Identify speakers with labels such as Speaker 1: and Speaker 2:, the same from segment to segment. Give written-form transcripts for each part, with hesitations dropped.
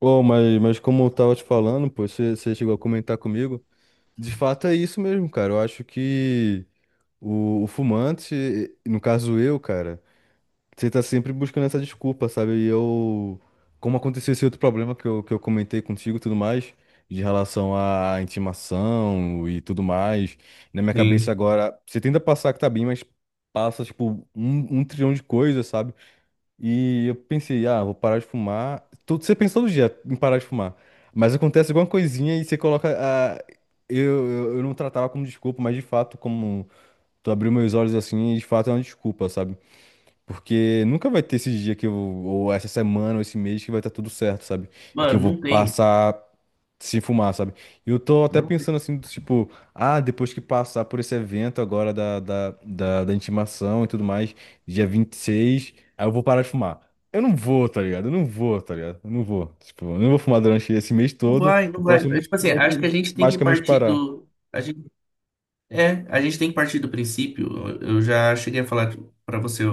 Speaker 1: Ô, mas como eu tava te falando, pô, você chegou a comentar comigo, de fato é isso mesmo, cara. Eu acho que o fumante, no caso eu, cara, você tá sempre buscando essa desculpa, sabe? E eu, como aconteceu esse outro problema que eu comentei contigo e tudo mais, de relação à intimação e tudo mais, na minha
Speaker 2: Sim.
Speaker 1: cabeça agora, você tenta passar que tá bem, mas passa, tipo, um trilhão de coisas, sabe? E eu pensei, ah, vou parar de fumar. Você pensa todo dia em parar de fumar. Mas acontece alguma coisinha e você coloca. Ah, eu, eu não tratava como desculpa, mas de fato, como tu abriu meus olhos assim, de fato é uma desculpa, sabe? Porque nunca vai ter esse dia que eu, ou essa semana, ou esse mês que vai estar tudo certo, sabe? E que
Speaker 2: Mano,
Speaker 1: eu vou
Speaker 2: não tem.
Speaker 1: passar. Se fumar, sabe? E eu tô até
Speaker 2: Não tem.
Speaker 1: pensando assim, do tipo, ah, depois que passar por esse evento agora da intimação e tudo mais, dia 26, aí eu vou parar de fumar. Eu não vou, tá ligado? Eu não vou, tá ligado? Eu não vou. Tipo, eu não vou fumar durante esse mês
Speaker 2: Não
Speaker 1: todo,
Speaker 2: vai,
Speaker 1: o
Speaker 2: não vai.
Speaker 1: próximo
Speaker 2: É,
Speaker 1: mês
Speaker 2: tipo assim,
Speaker 1: todo,
Speaker 2: acho que a
Speaker 1: e
Speaker 2: gente tem que
Speaker 1: basicamente
Speaker 2: partir
Speaker 1: parar.
Speaker 2: do. A gente, é, a gente tem que partir do princípio. Eu já cheguei a falar pra você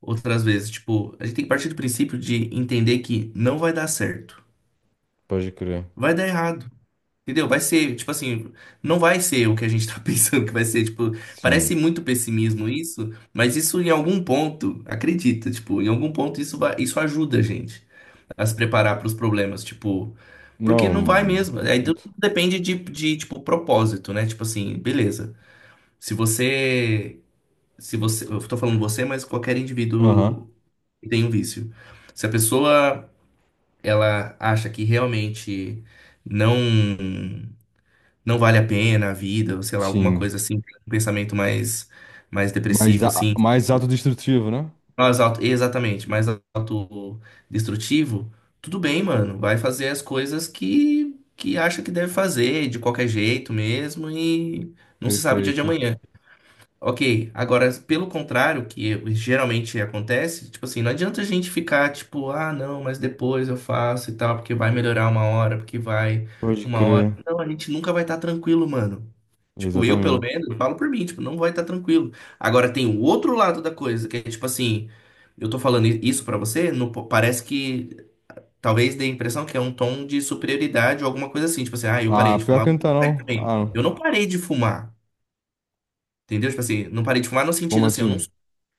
Speaker 2: outras vezes. Tipo, a gente tem que partir do princípio de entender que não vai dar certo.
Speaker 1: Pode crer.
Speaker 2: Vai dar errado. Entendeu? Vai ser, tipo assim, não vai ser o que a gente tá pensando que vai ser. Tipo, parece
Speaker 1: Sim.
Speaker 2: muito pessimismo isso, mas isso em algum ponto, acredita, tipo, em algum ponto isso vai, isso ajuda a gente a se preparar para os problemas, tipo, porque não vai
Speaker 1: Não,
Speaker 2: mesmo. Aí tudo
Speaker 1: acredito.
Speaker 2: depende de, tipo, propósito, né? Tipo assim, beleza. Se você, se você, eu tô falando você, mas qualquer
Speaker 1: Aham,
Speaker 2: indivíduo que tem um vício. Se a pessoa, ela acha que realmente não não vale a pena a vida, ou sei lá, alguma
Speaker 1: sim.
Speaker 2: coisa assim, um pensamento mais
Speaker 1: Mais,
Speaker 2: depressivo
Speaker 1: a-
Speaker 2: assim,
Speaker 1: mais autodestrutivo, né?
Speaker 2: mais alto, exatamente, mais autodestrutivo, tudo bem, mano. Vai fazer as coisas que acha que deve fazer, de qualquer jeito mesmo, e não se sabe o dia de
Speaker 1: Perfeito.
Speaker 2: amanhã. Ok, agora, pelo contrário, que geralmente acontece, tipo assim, não adianta a gente ficar tipo, ah, não, mas depois eu faço e tal, porque vai melhorar uma hora, porque vai
Speaker 1: Pode
Speaker 2: uma hora.
Speaker 1: crer.
Speaker 2: Não, a gente nunca vai estar tranquilo, mano. Tipo, eu, pelo
Speaker 1: Exatamente.
Speaker 2: menos, falo por mim, tipo, não vai estar tranquilo. Agora, tem o outro lado da coisa, que é tipo assim, eu tô falando isso pra você, não parece que talvez dê a impressão que é um tom de superioridade ou alguma coisa assim, tipo assim, ah, eu parei
Speaker 1: Ah,
Speaker 2: de
Speaker 1: pior
Speaker 2: fumar,
Speaker 1: que não
Speaker 2: você
Speaker 1: tá,
Speaker 2: vai
Speaker 1: não.
Speaker 2: também.
Speaker 1: Ah, não.
Speaker 2: Eu não parei de fumar. Entendeu? Tipo assim, não parei de fumar no
Speaker 1: Como
Speaker 2: sentido assim,
Speaker 1: assim?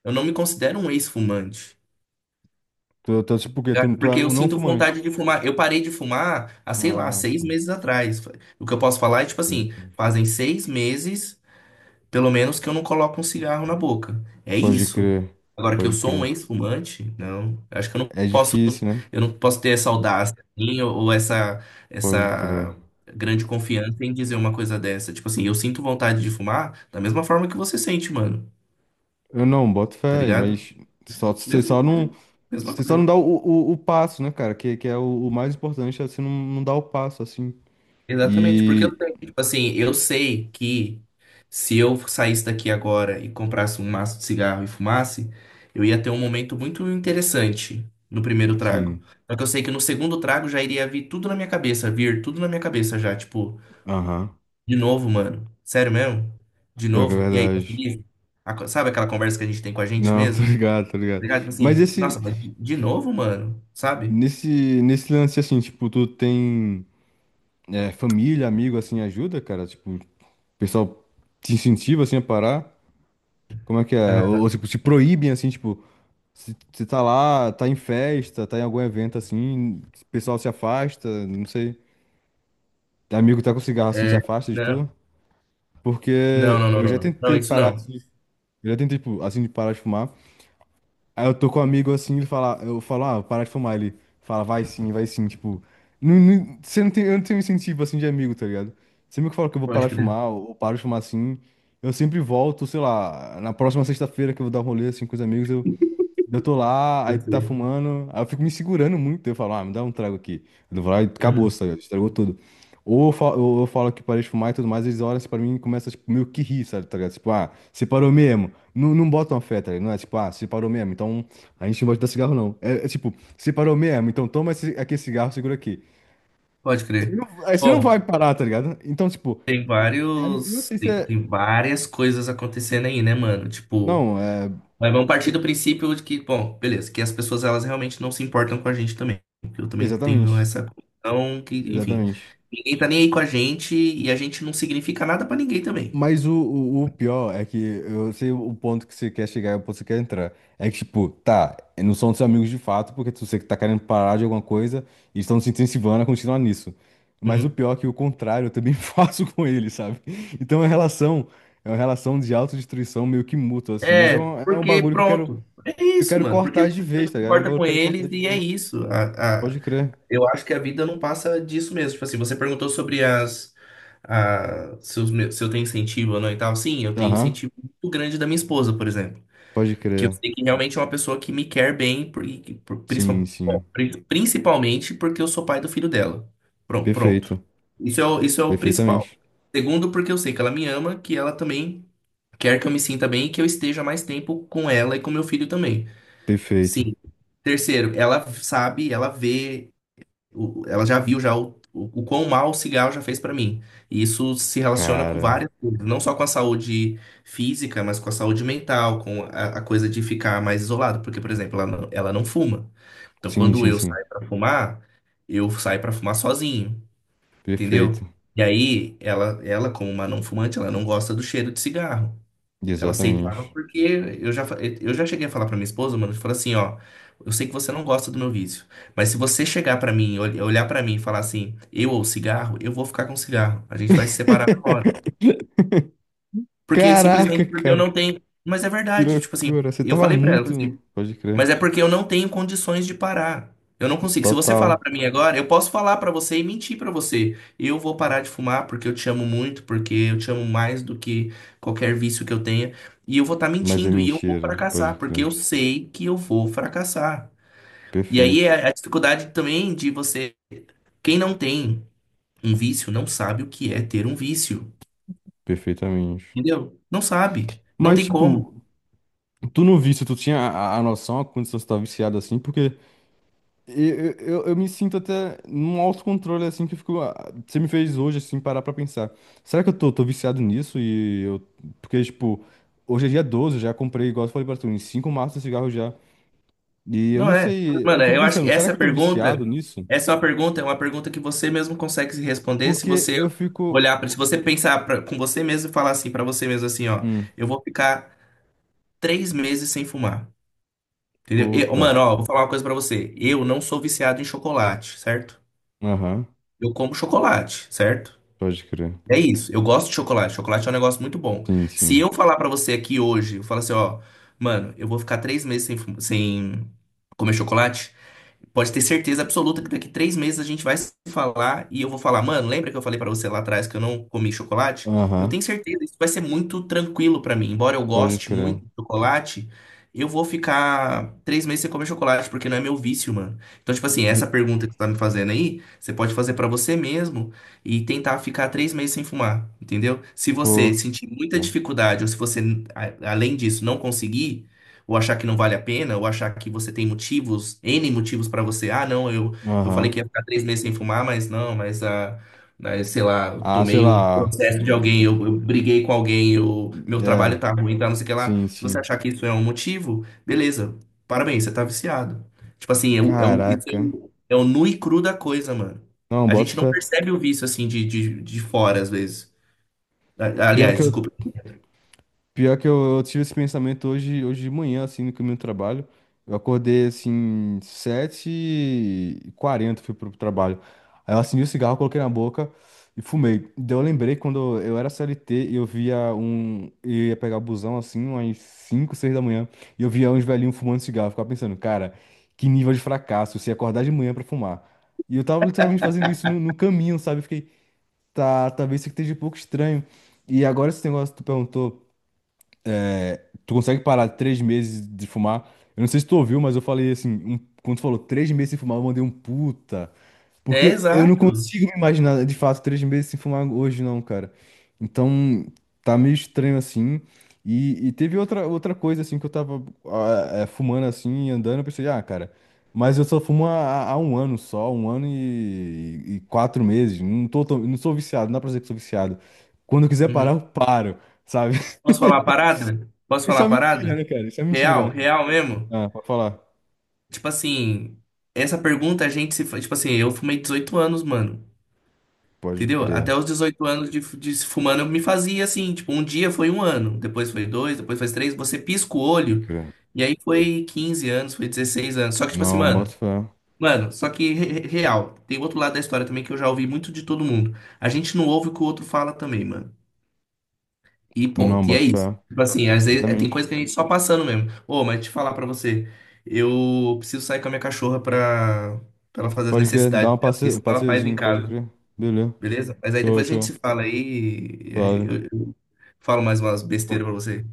Speaker 2: eu não me considero um ex-fumante.
Speaker 1: Tu, tipo, por quê?
Speaker 2: Tá?
Speaker 1: Tu é
Speaker 2: Porque eu
Speaker 1: um não
Speaker 2: sinto vontade
Speaker 1: fumante.
Speaker 2: de fumar. Eu parei de fumar há, sei lá,
Speaker 1: Ah,
Speaker 2: seis
Speaker 1: sim.
Speaker 2: meses atrás. O que eu posso falar é, tipo
Speaker 1: Sim,
Speaker 2: assim,
Speaker 1: sim.
Speaker 2: fazem 6 meses, pelo menos, que eu não coloco um cigarro na boca. É
Speaker 1: Pode
Speaker 2: isso.
Speaker 1: crer.
Speaker 2: Agora que eu
Speaker 1: Pode
Speaker 2: sou um
Speaker 1: crer.
Speaker 2: ex-fumante, não. Eu acho que
Speaker 1: É difícil, né?
Speaker 2: eu não posso ter essa audácia, assim, ou essa,
Speaker 1: Pode crer.
Speaker 2: essa grande confiança em dizer uma coisa dessa. Tipo assim, eu sinto vontade de fumar da mesma forma que você sente, mano.
Speaker 1: Eu não, boto
Speaker 2: Tá
Speaker 1: fé,
Speaker 2: ligado?
Speaker 1: mas só, você
Speaker 2: Mesma
Speaker 1: só não,
Speaker 2: coisa. Mesma
Speaker 1: você só não
Speaker 2: coisa.
Speaker 1: dá o passo, né, cara? Que é o mais importante, é você não, não dar o passo, assim.
Speaker 2: Exatamente, porque eu
Speaker 1: E.
Speaker 2: tenho, tipo assim, eu sei que se eu saísse daqui agora e comprasse um maço de cigarro e fumasse, eu ia ter um momento muito interessante no primeiro trago.
Speaker 1: Sim.
Speaker 2: Só que eu sei que no segundo trago já iria vir tudo na minha cabeça, vir tudo na minha cabeça já, tipo,
Speaker 1: Aham.
Speaker 2: de novo, mano. Sério mesmo? De
Speaker 1: Pior que é
Speaker 2: novo? E aí, tá
Speaker 1: verdade.
Speaker 2: feliz? Sabe aquela conversa que a gente tem com a gente
Speaker 1: Não, tô
Speaker 2: mesmo? Tá
Speaker 1: ligado, tô ligado.
Speaker 2: ligado? Tipo
Speaker 1: Mas
Speaker 2: assim, nossa,
Speaker 1: esse,
Speaker 2: mas de novo, mano? Sabe?
Speaker 1: nesse lance, assim, tipo, tu tem é, família, amigo, assim, ajuda, cara? Tipo. O pessoal te incentiva, assim, a parar? Como é que é? Ou,
Speaker 2: Ah,
Speaker 1: ou, tipo, te proíbem, assim, tipo, se você tá lá, tá em festa, tá em algum evento, assim, o pessoal se afasta, não sei. Amigo que tá com cigarro, assim, se
Speaker 2: é.
Speaker 1: afasta de tu?
Speaker 2: Não. Não,
Speaker 1: Porque
Speaker 2: não, não,
Speaker 1: eu
Speaker 2: não,
Speaker 1: já
Speaker 2: não. Não,
Speaker 1: tentei
Speaker 2: isso
Speaker 1: parar,
Speaker 2: não.
Speaker 1: assim, eu já tentei, tipo, assim, de parar de fumar. Aí eu tô com um amigo assim, ele fala, eu falo, ah, parar de fumar. Ele fala, vai sim, vai sim. Tipo, você não tem, eu não tenho incentivo assim de amigo, tá ligado? Sempre que eu falo que eu vou
Speaker 2: Pode
Speaker 1: parar de
Speaker 2: crer.
Speaker 1: fumar, ou paro de fumar assim, eu sempre volto, sei lá, na próxima sexta-feira que eu vou dar um rolê assim com os amigos, eu, tô lá, aí
Speaker 2: Eu
Speaker 1: tu tá
Speaker 2: sei.
Speaker 1: fumando, aí eu fico me segurando muito. Eu falo, ah, me dá um trago aqui. Eu vou lá e acabou,
Speaker 2: Uhum.
Speaker 1: sabe? Estragou tudo. Ou eu falo que parei de fumar e tudo mais, eles olham assim pra mim e começam, tipo, meio que rir, sabe? Tá ligado? Tipo, ah, você parou mesmo. Não, não botam fé, tá ligado? Não é tipo, ah, você parou mesmo, então a gente não vai te dar cigarro, não. É tipo, você parou mesmo, então toma esse, aqui esse cigarro, segura aqui.
Speaker 2: Pode
Speaker 1: Ele
Speaker 2: crer.
Speaker 1: não- Aí você não vai
Speaker 2: Bom,
Speaker 1: parar, tá ligado? Então, tipo,
Speaker 2: tem
Speaker 1: não
Speaker 2: vários.
Speaker 1: sei se
Speaker 2: Tem,
Speaker 1: é.
Speaker 2: tem várias coisas acontecendo aí, né, mano? Tipo,
Speaker 1: Não, é.
Speaker 2: mas vamos partir do princípio de que, bom, beleza, que as pessoas elas realmente não se importam com a gente também. Porque eu também tenho
Speaker 1: Exatamente.
Speaker 2: essa questão que, enfim,
Speaker 1: Exatamente.
Speaker 2: ninguém tá nem aí com a gente e a gente não significa nada pra ninguém também.
Speaker 1: Mas o pior é que eu sei o ponto que você quer chegar, e o ponto que você quer entrar. É que, tipo, tá, não são seus amigos de fato, porque tu sei que tá querendo parar de alguma coisa e estão se incentivando a continuar nisso. Mas o
Speaker 2: Uhum.
Speaker 1: pior é que o contrário eu também faço com eles, sabe? Então é uma relação de autodestruição meio que mútua, assim. Mas é
Speaker 2: É,
Speaker 1: um, é um
Speaker 2: porque
Speaker 1: bagulho que
Speaker 2: pronto. É
Speaker 1: eu
Speaker 2: isso,
Speaker 1: quero
Speaker 2: mano. Porque
Speaker 1: cortar de
Speaker 2: você também
Speaker 1: vez,
Speaker 2: não
Speaker 1: tá
Speaker 2: se
Speaker 1: ligado? É um
Speaker 2: importa
Speaker 1: bagulho
Speaker 2: com
Speaker 1: que eu quero cortar
Speaker 2: eles
Speaker 1: de
Speaker 2: e é
Speaker 1: vez.
Speaker 2: isso.
Speaker 1: Pode crer.
Speaker 2: Eu acho que a vida não passa disso mesmo. Tipo assim, você perguntou sobre as, a, se, os meus- se eu tenho incentivo ou não e tal. Sim, eu tenho
Speaker 1: Aham,
Speaker 2: incentivo muito grande da minha esposa, por exemplo.
Speaker 1: pode
Speaker 2: Que eu
Speaker 1: crer.
Speaker 2: sei que realmente é uma pessoa que me quer bem, por, e- por-
Speaker 1: Sim,
Speaker 2: principal- bom,
Speaker 1: sim.
Speaker 2: pri- principalmente porque eu sou pai do filho dela. Pronto, pronto.
Speaker 1: Perfeito.
Speaker 2: Isso é o principal.
Speaker 1: Perfeitamente.
Speaker 2: Segundo, porque eu sei que ela me ama, que ela também quer que eu me sinta bem e que eu esteja mais tempo com ela e com meu filho também.
Speaker 1: Perfeito.
Speaker 2: Sim. Terceiro, ela sabe, ela vê ela já viu já o quão mal o cigarro já fez pra mim. E isso se relaciona com
Speaker 1: Cara.
Speaker 2: várias coisas, não só com a saúde física, mas com a saúde mental, com a coisa de ficar mais isolado. Porque, por exemplo, ela não fuma. Então,
Speaker 1: Sim,
Speaker 2: quando
Speaker 1: sim,
Speaker 2: eu
Speaker 1: sim.
Speaker 2: saio pra fumar, eu saio pra fumar sozinho, entendeu?
Speaker 1: Perfeito.
Speaker 2: E aí, ela, como uma não fumante, ela não gosta do cheiro de cigarro. Ela aceitava
Speaker 1: Exatamente.
Speaker 2: porque eu já cheguei a falar pra minha esposa, mano, eu falo assim, ó, eu sei que você não gosta do meu vício, mas se você chegar pra mim, olhar pra mim e falar assim, eu ou cigarro, eu vou ficar com cigarro. A gente vai se separar. Porque
Speaker 1: Caraca,
Speaker 2: simplesmente porque eu
Speaker 1: cara.
Speaker 2: não tenho, mas é
Speaker 1: Que
Speaker 2: verdade, tipo assim,
Speaker 1: loucura. Você
Speaker 2: eu
Speaker 1: tava
Speaker 2: falei pra ela,
Speaker 1: muito. Pode crer.
Speaker 2: mas é porque eu não tenho condições de parar. Eu não consigo. Se você falar
Speaker 1: Total.
Speaker 2: pra mim agora, eu posso falar pra você e mentir pra você. Eu vou parar de fumar porque eu te amo muito, porque eu te amo mais do que qualquer vício que eu tenha. E eu vou estar
Speaker 1: Mas é
Speaker 2: mentindo e eu vou
Speaker 1: mentira. Pode
Speaker 2: fracassar,
Speaker 1: crer.
Speaker 2: porque eu sei que eu vou fracassar. E aí
Speaker 1: Perfeito.
Speaker 2: é a dificuldade também de você. Quem não tem um vício não sabe o que é ter um vício.
Speaker 1: Perfeitamente.
Speaker 2: Entendeu? Não sabe. Não
Speaker 1: Mas,
Speaker 2: tem como.
Speaker 1: tipo, tu não viste, tu tinha a noção, a condição de estar viciado assim, porque eu, eu me sinto até num autocontrole assim que eu fico. Você me fez hoje, assim, parar pra pensar. Será que eu tô viciado nisso? E eu. Porque, tipo, hoje é dia 12 eu já comprei, igual eu falei pra tu, em 5 maços de cigarro já. E eu
Speaker 2: Não
Speaker 1: não
Speaker 2: é.
Speaker 1: sei, eu
Speaker 2: Mano,
Speaker 1: fico
Speaker 2: eu acho
Speaker 1: pensando,
Speaker 2: que
Speaker 1: será que
Speaker 2: essa
Speaker 1: eu tô viciado
Speaker 2: pergunta,
Speaker 1: nisso?
Speaker 2: essa é uma pergunta que você mesmo consegue se responder se
Speaker 1: Porque
Speaker 2: você
Speaker 1: eu fico.
Speaker 2: olhar para, se você pensar com você mesmo e falar assim para você mesmo assim, ó,
Speaker 1: Hum,
Speaker 2: eu vou ficar 3 meses sem fumar, entendeu? E,
Speaker 1: puta.
Speaker 2: mano, ó, vou falar uma coisa para você. Eu não sou viciado em chocolate, certo?
Speaker 1: Aham,
Speaker 2: Eu como chocolate, certo?
Speaker 1: pode crer.
Speaker 2: É isso. Eu gosto de chocolate. Chocolate é um negócio muito bom.
Speaker 1: Sim,
Speaker 2: Se
Speaker 1: sim.
Speaker 2: eu falar para você aqui hoje, eu falar assim, ó, mano, eu vou ficar 3 meses sem comer chocolate. Pode ter certeza absoluta que daqui 3 meses a gente vai se falar e eu vou falar, mano, lembra que eu falei pra você lá atrás que eu não comi chocolate? Eu
Speaker 1: Aham,
Speaker 2: tenho certeza, isso vai ser muito tranquilo pra mim. Embora eu
Speaker 1: pode
Speaker 2: goste
Speaker 1: crer.
Speaker 2: muito de chocolate, eu vou ficar 3 meses sem comer chocolate, porque não é meu vício, mano. Então, tipo assim,
Speaker 1: Vi-
Speaker 2: essa pergunta que você tá me fazendo aí, você pode fazer pra você mesmo e tentar ficar 3 meses sem fumar, entendeu? Se você
Speaker 1: Puta.
Speaker 2: sentir muita dificuldade ou se você, além disso, não conseguir ou achar que não vale a pena, ou achar que você tem motivos, N motivos para você. Ah, não, eu falei que
Speaker 1: Aham.
Speaker 2: ia ficar 3 meses sem fumar, mas não, mas ah, mas, sei lá, eu
Speaker 1: Ah, sei
Speaker 2: tomei um
Speaker 1: lá.
Speaker 2: processo de alguém, eu briguei com alguém, eu, meu trabalho
Speaker 1: É,
Speaker 2: tá ruim, tá, não sei o que lá.
Speaker 1: sim,
Speaker 2: Se você
Speaker 1: sim.
Speaker 2: achar que isso é um motivo, beleza, parabéns, você tá viciado. Tipo assim, é o, é o, isso é
Speaker 1: Caraca.
Speaker 2: o, é o nu e cru da coisa, mano.
Speaker 1: Não,
Speaker 2: A
Speaker 1: bota
Speaker 2: gente não
Speaker 1: fé.
Speaker 2: percebe o vício assim de fora, às vezes.
Speaker 1: Pior
Speaker 2: Aliás,
Speaker 1: que
Speaker 2: desculpa.
Speaker 1: eu. Pior que eu tive esse pensamento hoje, hoje de manhã, assim, no caminho do trabalho. Eu acordei, assim, 7h40 fui pro trabalho. Aí eu acendi o cigarro, coloquei na boca e fumei. Daí eu lembrei quando eu era CLT e eu via um... Eu ia pegar o busão, assim, umas 5 6 da manhã. E eu via uns velhinhos fumando cigarro. Eu ficava pensando, cara, que nível de fracasso se acordar de manhã pra fumar. E eu tava literalmente fazendo isso no caminho, sabe? Eu fiquei, tá, talvez isso aqui esteja um pouco estranho. E agora esse negócio que tu perguntou... Tu consegue parar 3 meses de fumar? Eu não sei se tu ouviu, mas eu falei assim, quando tu falou 3 meses sem fumar, eu mandei um puta.
Speaker 2: É,
Speaker 1: Porque eu não
Speaker 2: exato.
Speaker 1: consigo me imaginar, de fato, 3 meses sem fumar hoje, não, cara. Então, tá meio estranho assim. E teve outra coisa, assim, que eu tava fumando assim, andando, eu pensei, ah, cara, mas eu só fumo há um ano só, um ano e 4 meses. Não tô, não sou viciado, não dá pra dizer que sou viciado. Quando eu quiser parar,
Speaker 2: Uhum.
Speaker 1: eu paro, sabe?
Speaker 2: Posso falar a parada? Posso
Speaker 1: Isso
Speaker 2: falar a
Speaker 1: é mentira,
Speaker 2: parada?
Speaker 1: né, cara? Isso é mentira,
Speaker 2: Real,
Speaker 1: né?
Speaker 2: real mesmo.
Speaker 1: Ah, pode falar.
Speaker 2: Tipo assim, essa pergunta a gente se. Fa- tipo assim, eu fumei 18 anos, mano.
Speaker 1: Pode
Speaker 2: Entendeu? Até
Speaker 1: crer,
Speaker 2: os 18 anos de se fumando eu me fazia assim. Tipo, um dia foi um ano, depois foi dois, depois foi três. Você pisca o
Speaker 1: pode
Speaker 2: olho.
Speaker 1: crer.
Speaker 2: E aí foi 15 anos, foi 16 anos. Só que, tipo assim,
Speaker 1: Não, bota
Speaker 2: mano.
Speaker 1: fé.
Speaker 2: Mano, só que real. Tem outro lado da história também que eu já ouvi muito de todo mundo. A gente não ouve o que o outro fala também, mano. E
Speaker 1: Não,
Speaker 2: ponto. E é
Speaker 1: bota
Speaker 2: isso.
Speaker 1: fé.
Speaker 2: Tipo assim, às vezes tem coisa
Speaker 1: Exatamente.
Speaker 2: que a gente só passando mesmo. Ô, mas deixa eu falar pra você. Eu preciso sair com a minha cachorra pra, pra ela fazer as
Speaker 1: Pode crer, dá
Speaker 2: necessidades dela.
Speaker 1: um
Speaker 2: Isso ela faz em
Speaker 1: passeiozinho, pode
Speaker 2: casa,
Speaker 1: crer. Beleza.
Speaker 2: beleza? Mas aí
Speaker 1: Show,
Speaker 2: depois a gente se
Speaker 1: show.
Speaker 2: fala aí. e e
Speaker 1: Suave.
Speaker 2: Eu, eu falo mais umas besteiras
Speaker 1: Po-
Speaker 2: pra você.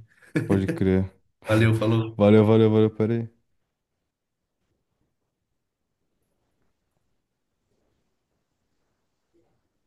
Speaker 1: Pode crer.
Speaker 2: Valeu, falou.
Speaker 1: Valeu, valeu, valeu, peraí.